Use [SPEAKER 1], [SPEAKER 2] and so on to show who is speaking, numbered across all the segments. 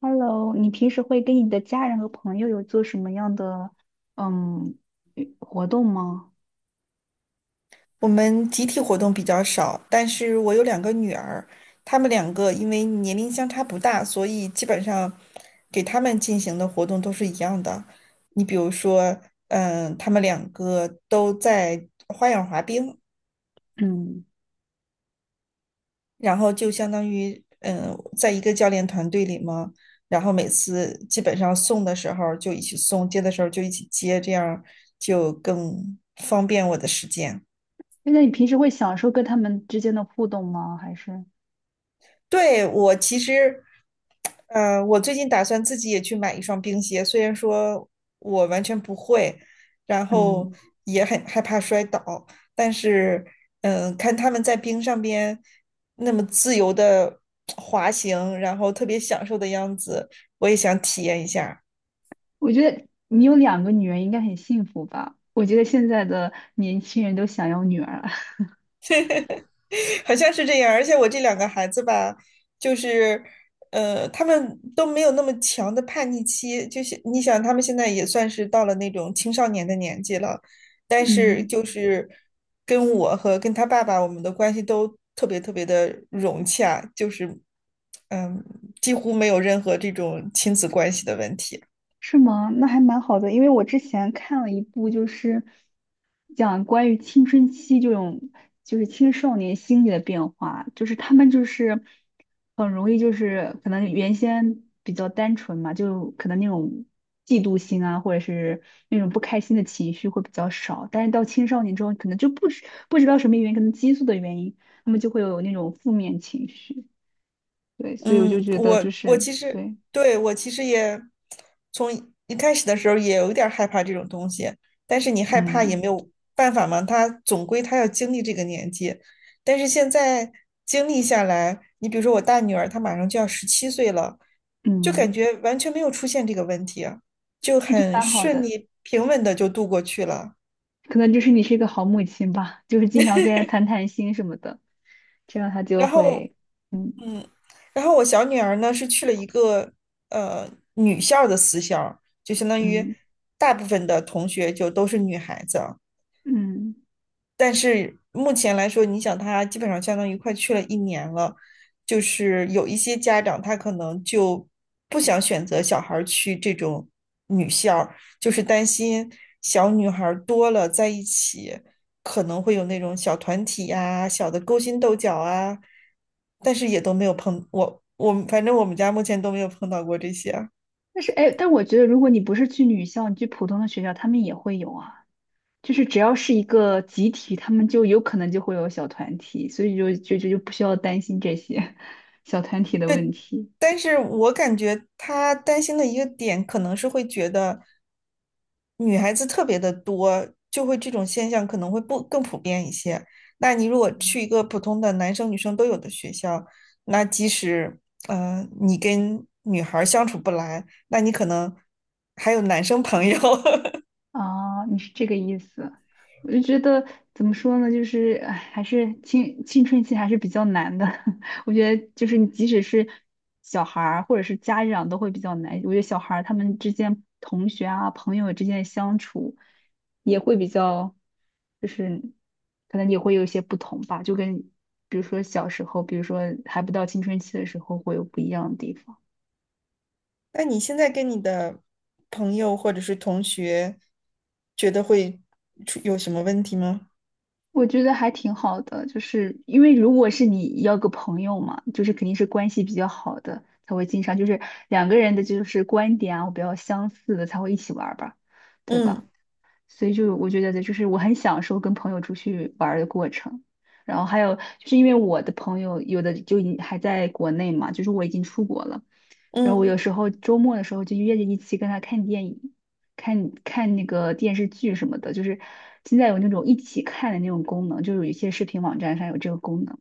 [SPEAKER 1] Hello，你平时会跟你的家人和朋友有做什么样的嗯与活动吗？
[SPEAKER 2] 我们集体活动比较少，但是我有2个女儿，她们两个因为年龄相差不大，所以基本上给她们进行的活动都是一样的。你比如说，她们两个都在花样滑冰，
[SPEAKER 1] 嗯，
[SPEAKER 2] 然后就相当于在1个教练团队里嘛，然后每次基本上送的时候就一起送，接的时候就一起接，这样就更方便我的时间。
[SPEAKER 1] 那你平时会享受跟他们之间的互动吗？还是
[SPEAKER 2] 对，我其实。我最近打算自己也去买1双冰鞋，虽然说我完全不会，然后
[SPEAKER 1] 嗯，
[SPEAKER 2] 也很害怕摔倒，但是，看他们在冰上边那么自由的滑行，然后特别享受的样子，我也想体验一下。
[SPEAKER 1] 我觉得你有两个女儿应该很幸福吧？我觉得现在的年轻人都想要女儿。
[SPEAKER 2] 好像是这样，而且我这2个孩子吧，就是，他们都没有那么强的叛逆期，就是你想，他们现在也算是到了那种青少年的年纪了，但是
[SPEAKER 1] 嗯。
[SPEAKER 2] 就是跟我和跟他爸爸，我们的关系都特别特别的融洽，就是，嗯，几乎没有任何这种亲子关系的问题。
[SPEAKER 1] 是吗？那还蛮好的，因为我之前看了一部，就是讲关于青春期这种，就是青少年心理的变化，就是他们就是很容易就是可能原先比较单纯嘛，就可能那种嫉妒心啊，或者是那种不开心的情绪会比较少，但是到青少年之后，可能就不知道什么原因，可能激素的原因，他们就会有那种负面情绪。对，所以我就
[SPEAKER 2] 嗯，
[SPEAKER 1] 觉得就
[SPEAKER 2] 我
[SPEAKER 1] 是
[SPEAKER 2] 其实
[SPEAKER 1] 对，
[SPEAKER 2] 对我其实也从一开始的时候也有点儿害怕这种东西，但是你害怕也
[SPEAKER 1] 嗯
[SPEAKER 2] 没有办法嘛，他总归他要经历这个年纪，但是现在经历下来，你比如说我大女儿，她马上就要17岁了，就
[SPEAKER 1] 嗯，
[SPEAKER 2] 感觉完全没有出现这个问题啊，就
[SPEAKER 1] 我觉得
[SPEAKER 2] 很
[SPEAKER 1] 蛮好
[SPEAKER 2] 顺
[SPEAKER 1] 的。
[SPEAKER 2] 利平稳的就度过去了。
[SPEAKER 1] 可能就是你是一个好母亲吧，就是经常跟人谈谈心什么的，这样他就
[SPEAKER 2] 然后
[SPEAKER 1] 会，嗯
[SPEAKER 2] 嗯，然后我小女儿呢是去了一个呃女校的私校，就相当于
[SPEAKER 1] 嗯
[SPEAKER 2] 大部分的同学就都是女孩子，
[SPEAKER 1] 嗯。
[SPEAKER 2] 但是目前来说，你想他基本上相当于快去了1年了，就是有一些家长他可能就不想选择小孩儿去这种女校儿就是担心小女孩儿多了在一起可能会有那种小团体呀、小的勾心斗角啊，但是也都没有碰我反正我们家目前都没有碰到过这些啊。
[SPEAKER 1] 但是哎，但我觉得如果你不是去女校，你去普通的学校，他们也会有啊。就是只要是一个集体，他们就有可能就会有小团体，所以就不需要担心这些 小团体的
[SPEAKER 2] 对，
[SPEAKER 1] 问题。
[SPEAKER 2] 但是我感觉他担心的一个点，可能是会觉得女孩子特别的多，就会这种现象可能会不更普遍一些。那你如果去1个普通的男生女生都有的学校，那即使你跟女孩儿相处不来，那你可能还有男生朋友。
[SPEAKER 1] 哦，你是这个意思，我就觉得怎么说呢，就是唉还是青春期还是比较难的。我觉得就是你即使是小孩儿或者是家长都会比较难。我觉得小孩儿他们之间同学啊朋友之间的相处也会比较，就是可能也会有一些不同吧，就跟比如说小时候，比如说还不到青春期的时候会有不一样的地方。
[SPEAKER 2] 那你现在跟你的朋友或者是同学，觉得会出有什么问题吗？
[SPEAKER 1] 我觉得还挺好的，就是因为如果是你要个朋友嘛，就是肯定是关系比较好的才会经常，就是两个人的就是观点啊比较相似的才会一起玩儿吧，对吧？
[SPEAKER 2] 嗯
[SPEAKER 1] 所以就我觉得就是我很享受跟朋友出去玩儿的过程。然后还有就是因为我的朋友有的就已还在国内嘛，就是我已经出国了，然后我
[SPEAKER 2] 嗯
[SPEAKER 1] 有时候周末的时候就约着一起跟他看电影，看看那个电视剧什么的，就是现在有那种一起看的那种功能，就是有一些视频网站上有这个功能，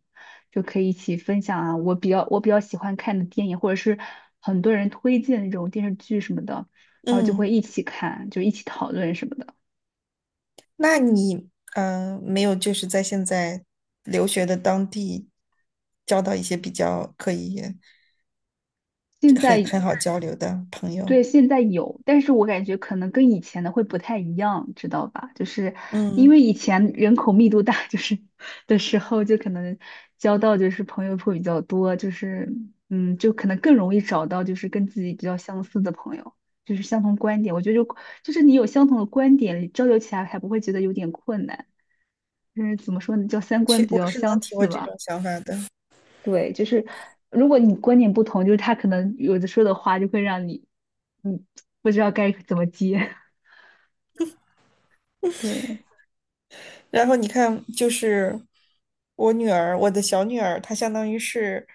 [SPEAKER 1] 就可以一起分享啊，我比较我比较喜欢看的电影，或者是很多人推荐的那种电视剧什么的，然后就会
[SPEAKER 2] 嗯。
[SPEAKER 1] 一起看，就一起讨论什么的。
[SPEAKER 2] 那你没有就是在现在留学的当地交到一些比较可以
[SPEAKER 1] 现
[SPEAKER 2] 很
[SPEAKER 1] 在
[SPEAKER 2] 很好交流的朋
[SPEAKER 1] 对
[SPEAKER 2] 友？
[SPEAKER 1] 现在有，但是我感觉可能跟以前的会不太一样，知道吧？就是因
[SPEAKER 2] 嗯，
[SPEAKER 1] 为以前人口密度大，就是的时候就可能交到就是朋友会比较多，就是嗯，就可能更容易找到就是跟自己比较相似的朋友，就是相同观点。我觉得就是你有相同的观点，交流起来还不会觉得有点困难，就是怎么说呢，叫三观
[SPEAKER 2] 去，
[SPEAKER 1] 比
[SPEAKER 2] 我
[SPEAKER 1] 较
[SPEAKER 2] 是能
[SPEAKER 1] 相
[SPEAKER 2] 体
[SPEAKER 1] 似
[SPEAKER 2] 会这
[SPEAKER 1] 吧。
[SPEAKER 2] 种想法的。
[SPEAKER 1] 对，就是如果你观点不同，就是他可能有的说的话就会让你，嗯，不知道该怎么接。对，
[SPEAKER 2] 然后你看，就是我女儿，我的小女儿，她相当于是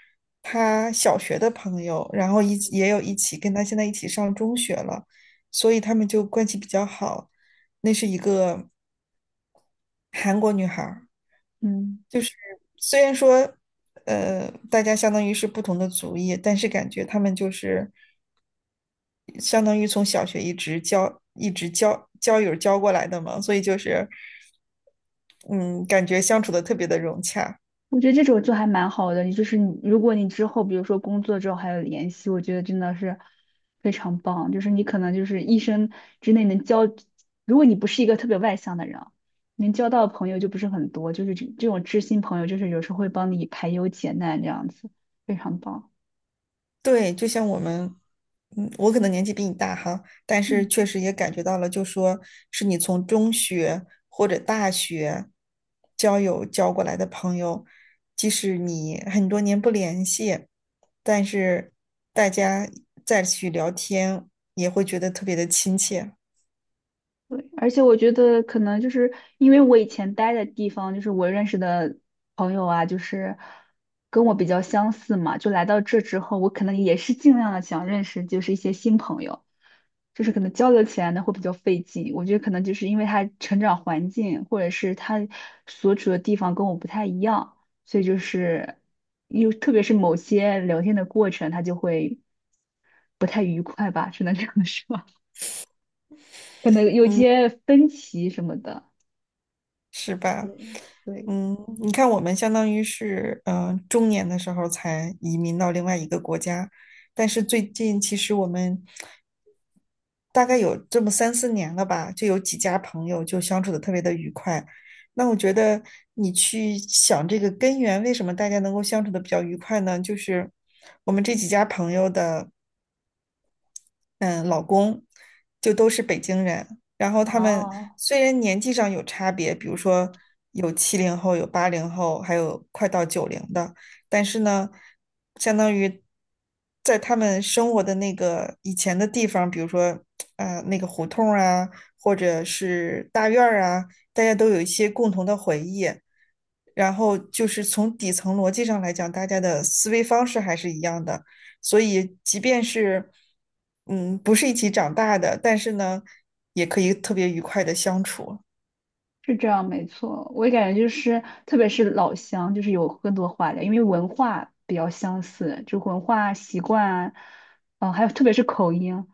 [SPEAKER 2] 她小学的朋友，然后一起也有一起跟她现在一起上中学了，所以他们就关系比较好。那是1个韩国女孩儿。
[SPEAKER 1] 嗯，
[SPEAKER 2] 就是虽然说，大家相当于是不同的族裔，但是感觉他们就是相当于从小学一直交友交过来的嘛，所以就是，嗯，感觉相处的特别的融洽。
[SPEAKER 1] 我觉得这种就还蛮好的。你就是你，如果你之后比如说工作之后还有联系，我觉得真的是非常棒。就是你可能就是一生之内能交，如果你不是一个特别外向的人啊能交到的朋友就不是很多。就是这种知心朋友，就是有时候会帮你排忧解难这样子，非常棒。
[SPEAKER 2] 对，就像我们，我可能年纪比你大哈，但是
[SPEAKER 1] 嗯。
[SPEAKER 2] 确实也感觉到了，就说是你从中学或者大学交友交过来的朋友，即使你很多年不联系，但是大家再去聊天，也会觉得特别的亲切。
[SPEAKER 1] 对，而且我觉得可能就是因为我以前待的地方，就是我认识的朋友啊，就是跟我比较相似嘛，就来到这之后，我可能也是尽量的想认识就是一些新朋友，就是可能交流起来呢会比较费劲。我觉得可能就是因为他成长环境或者是他所处的地方跟我不太一样，所以就是又特别是某些聊天的过程，他就会不太愉快吧，只能这样说，可能有些分歧什么的。
[SPEAKER 2] 是
[SPEAKER 1] 对
[SPEAKER 2] 吧？
[SPEAKER 1] 对，
[SPEAKER 2] 你看，我们相当于是，中年的时候才移民到另外一个国家，但是最近其实我们大概有这么3、4年了吧，就有几家朋友就相处的特别的愉快。那我觉得你去想这个根源，为什么大家能够相处的比较愉快呢？就是我们这几家朋友的。嗯老公，就都是北京人。然后他们
[SPEAKER 1] 哦，
[SPEAKER 2] 虽然年纪上有差别，比如说有70后、有80后，还有快到90的，但是呢，相当于在他们生活的那个以前的地方，比如说那个胡同啊，或者是大院儿啊，大家都有一些共同的回忆。然后就是从底层逻辑上来讲，大家的思维方式还是一样的，所以即便是不是一起长大的，但是呢，也可以特别愉快的相处。
[SPEAKER 1] 是这样，没错。我也感觉就是，特别是老乡，就是有更多话聊，因为文化比较相似，就文化习惯啊，还有特别是口音。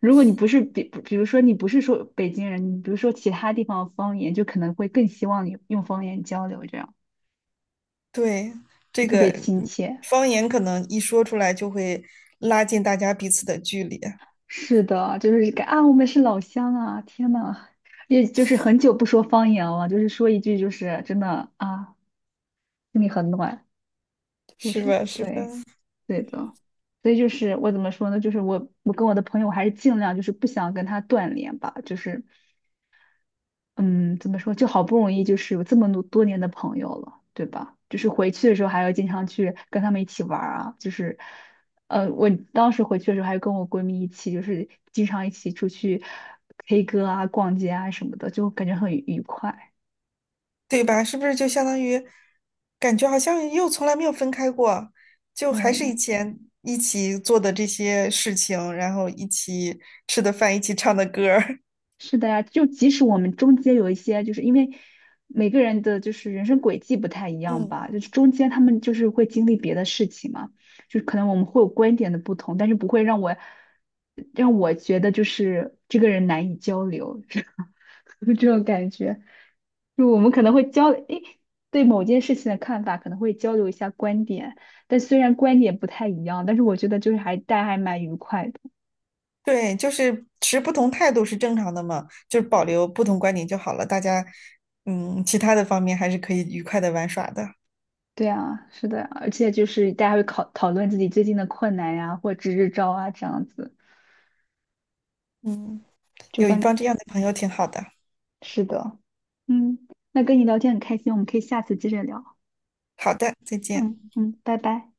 [SPEAKER 1] 如果你不是比如说你不是说北京人，你比如说其他地方的方言，就可能会更希望你用方言交流，这样
[SPEAKER 2] 对，这
[SPEAKER 1] 特别
[SPEAKER 2] 个
[SPEAKER 1] 亲切。
[SPEAKER 2] 方言可能一说出来就会拉近大家彼此的距离，
[SPEAKER 1] 是的，就是感啊，我们是老乡啊！天呐，也就是很久不说方言了，就是说一句，就是真的啊，心里很暖。就
[SPEAKER 2] 是
[SPEAKER 1] 是
[SPEAKER 2] 吧？是吧？
[SPEAKER 1] 对，对的，所以就是我怎么说呢？就是我跟我的朋友还是尽量就是不想跟他断联吧，就是嗯，怎么说？就好不容易就是有这么多年的朋友了，对吧？就是回去的时候还要经常去跟他们一起玩儿啊，就是我当时回去的时候还跟我闺蜜一起，就是经常一起出去 K 歌啊、逛街啊什么的，就感觉很愉快。
[SPEAKER 2] 对吧？是不是就相当于感觉好像又从来没有分开过，就还
[SPEAKER 1] 对，
[SPEAKER 2] 是以前一起做的这些事情，然后一起吃的饭，一起唱的歌儿，
[SPEAKER 1] 是的呀，就即使我们中间有一些，就是因为每个人的就是人生轨迹不太一 样
[SPEAKER 2] 嗯。
[SPEAKER 1] 吧，就是中间他们就是会经历别的事情嘛，就是可能我们会有观点的不同，但是不会让我觉得就是这个人难以交流，这种感觉，就我们可能诶，对某件事情的看法可能会交流一下观点，但虽然观点不太一样，但是我觉得就是还大家还蛮愉快的。
[SPEAKER 2] 对，就是持不同态度是正常的嘛，就是保留不同观点就好了。大家，其他的方面还是可以愉快的玩耍的。
[SPEAKER 1] 对啊，是的呀而且就是大家会考讨论自己最近的困难呀，或支支招啊，这样子，
[SPEAKER 2] 嗯，
[SPEAKER 1] 就
[SPEAKER 2] 有一
[SPEAKER 1] 反正
[SPEAKER 2] 帮这样的朋友挺好的。
[SPEAKER 1] 是的，嗯，那跟你聊天很开心，我们可以下次接着聊，
[SPEAKER 2] 好的，再见。
[SPEAKER 1] 嗯嗯，拜拜。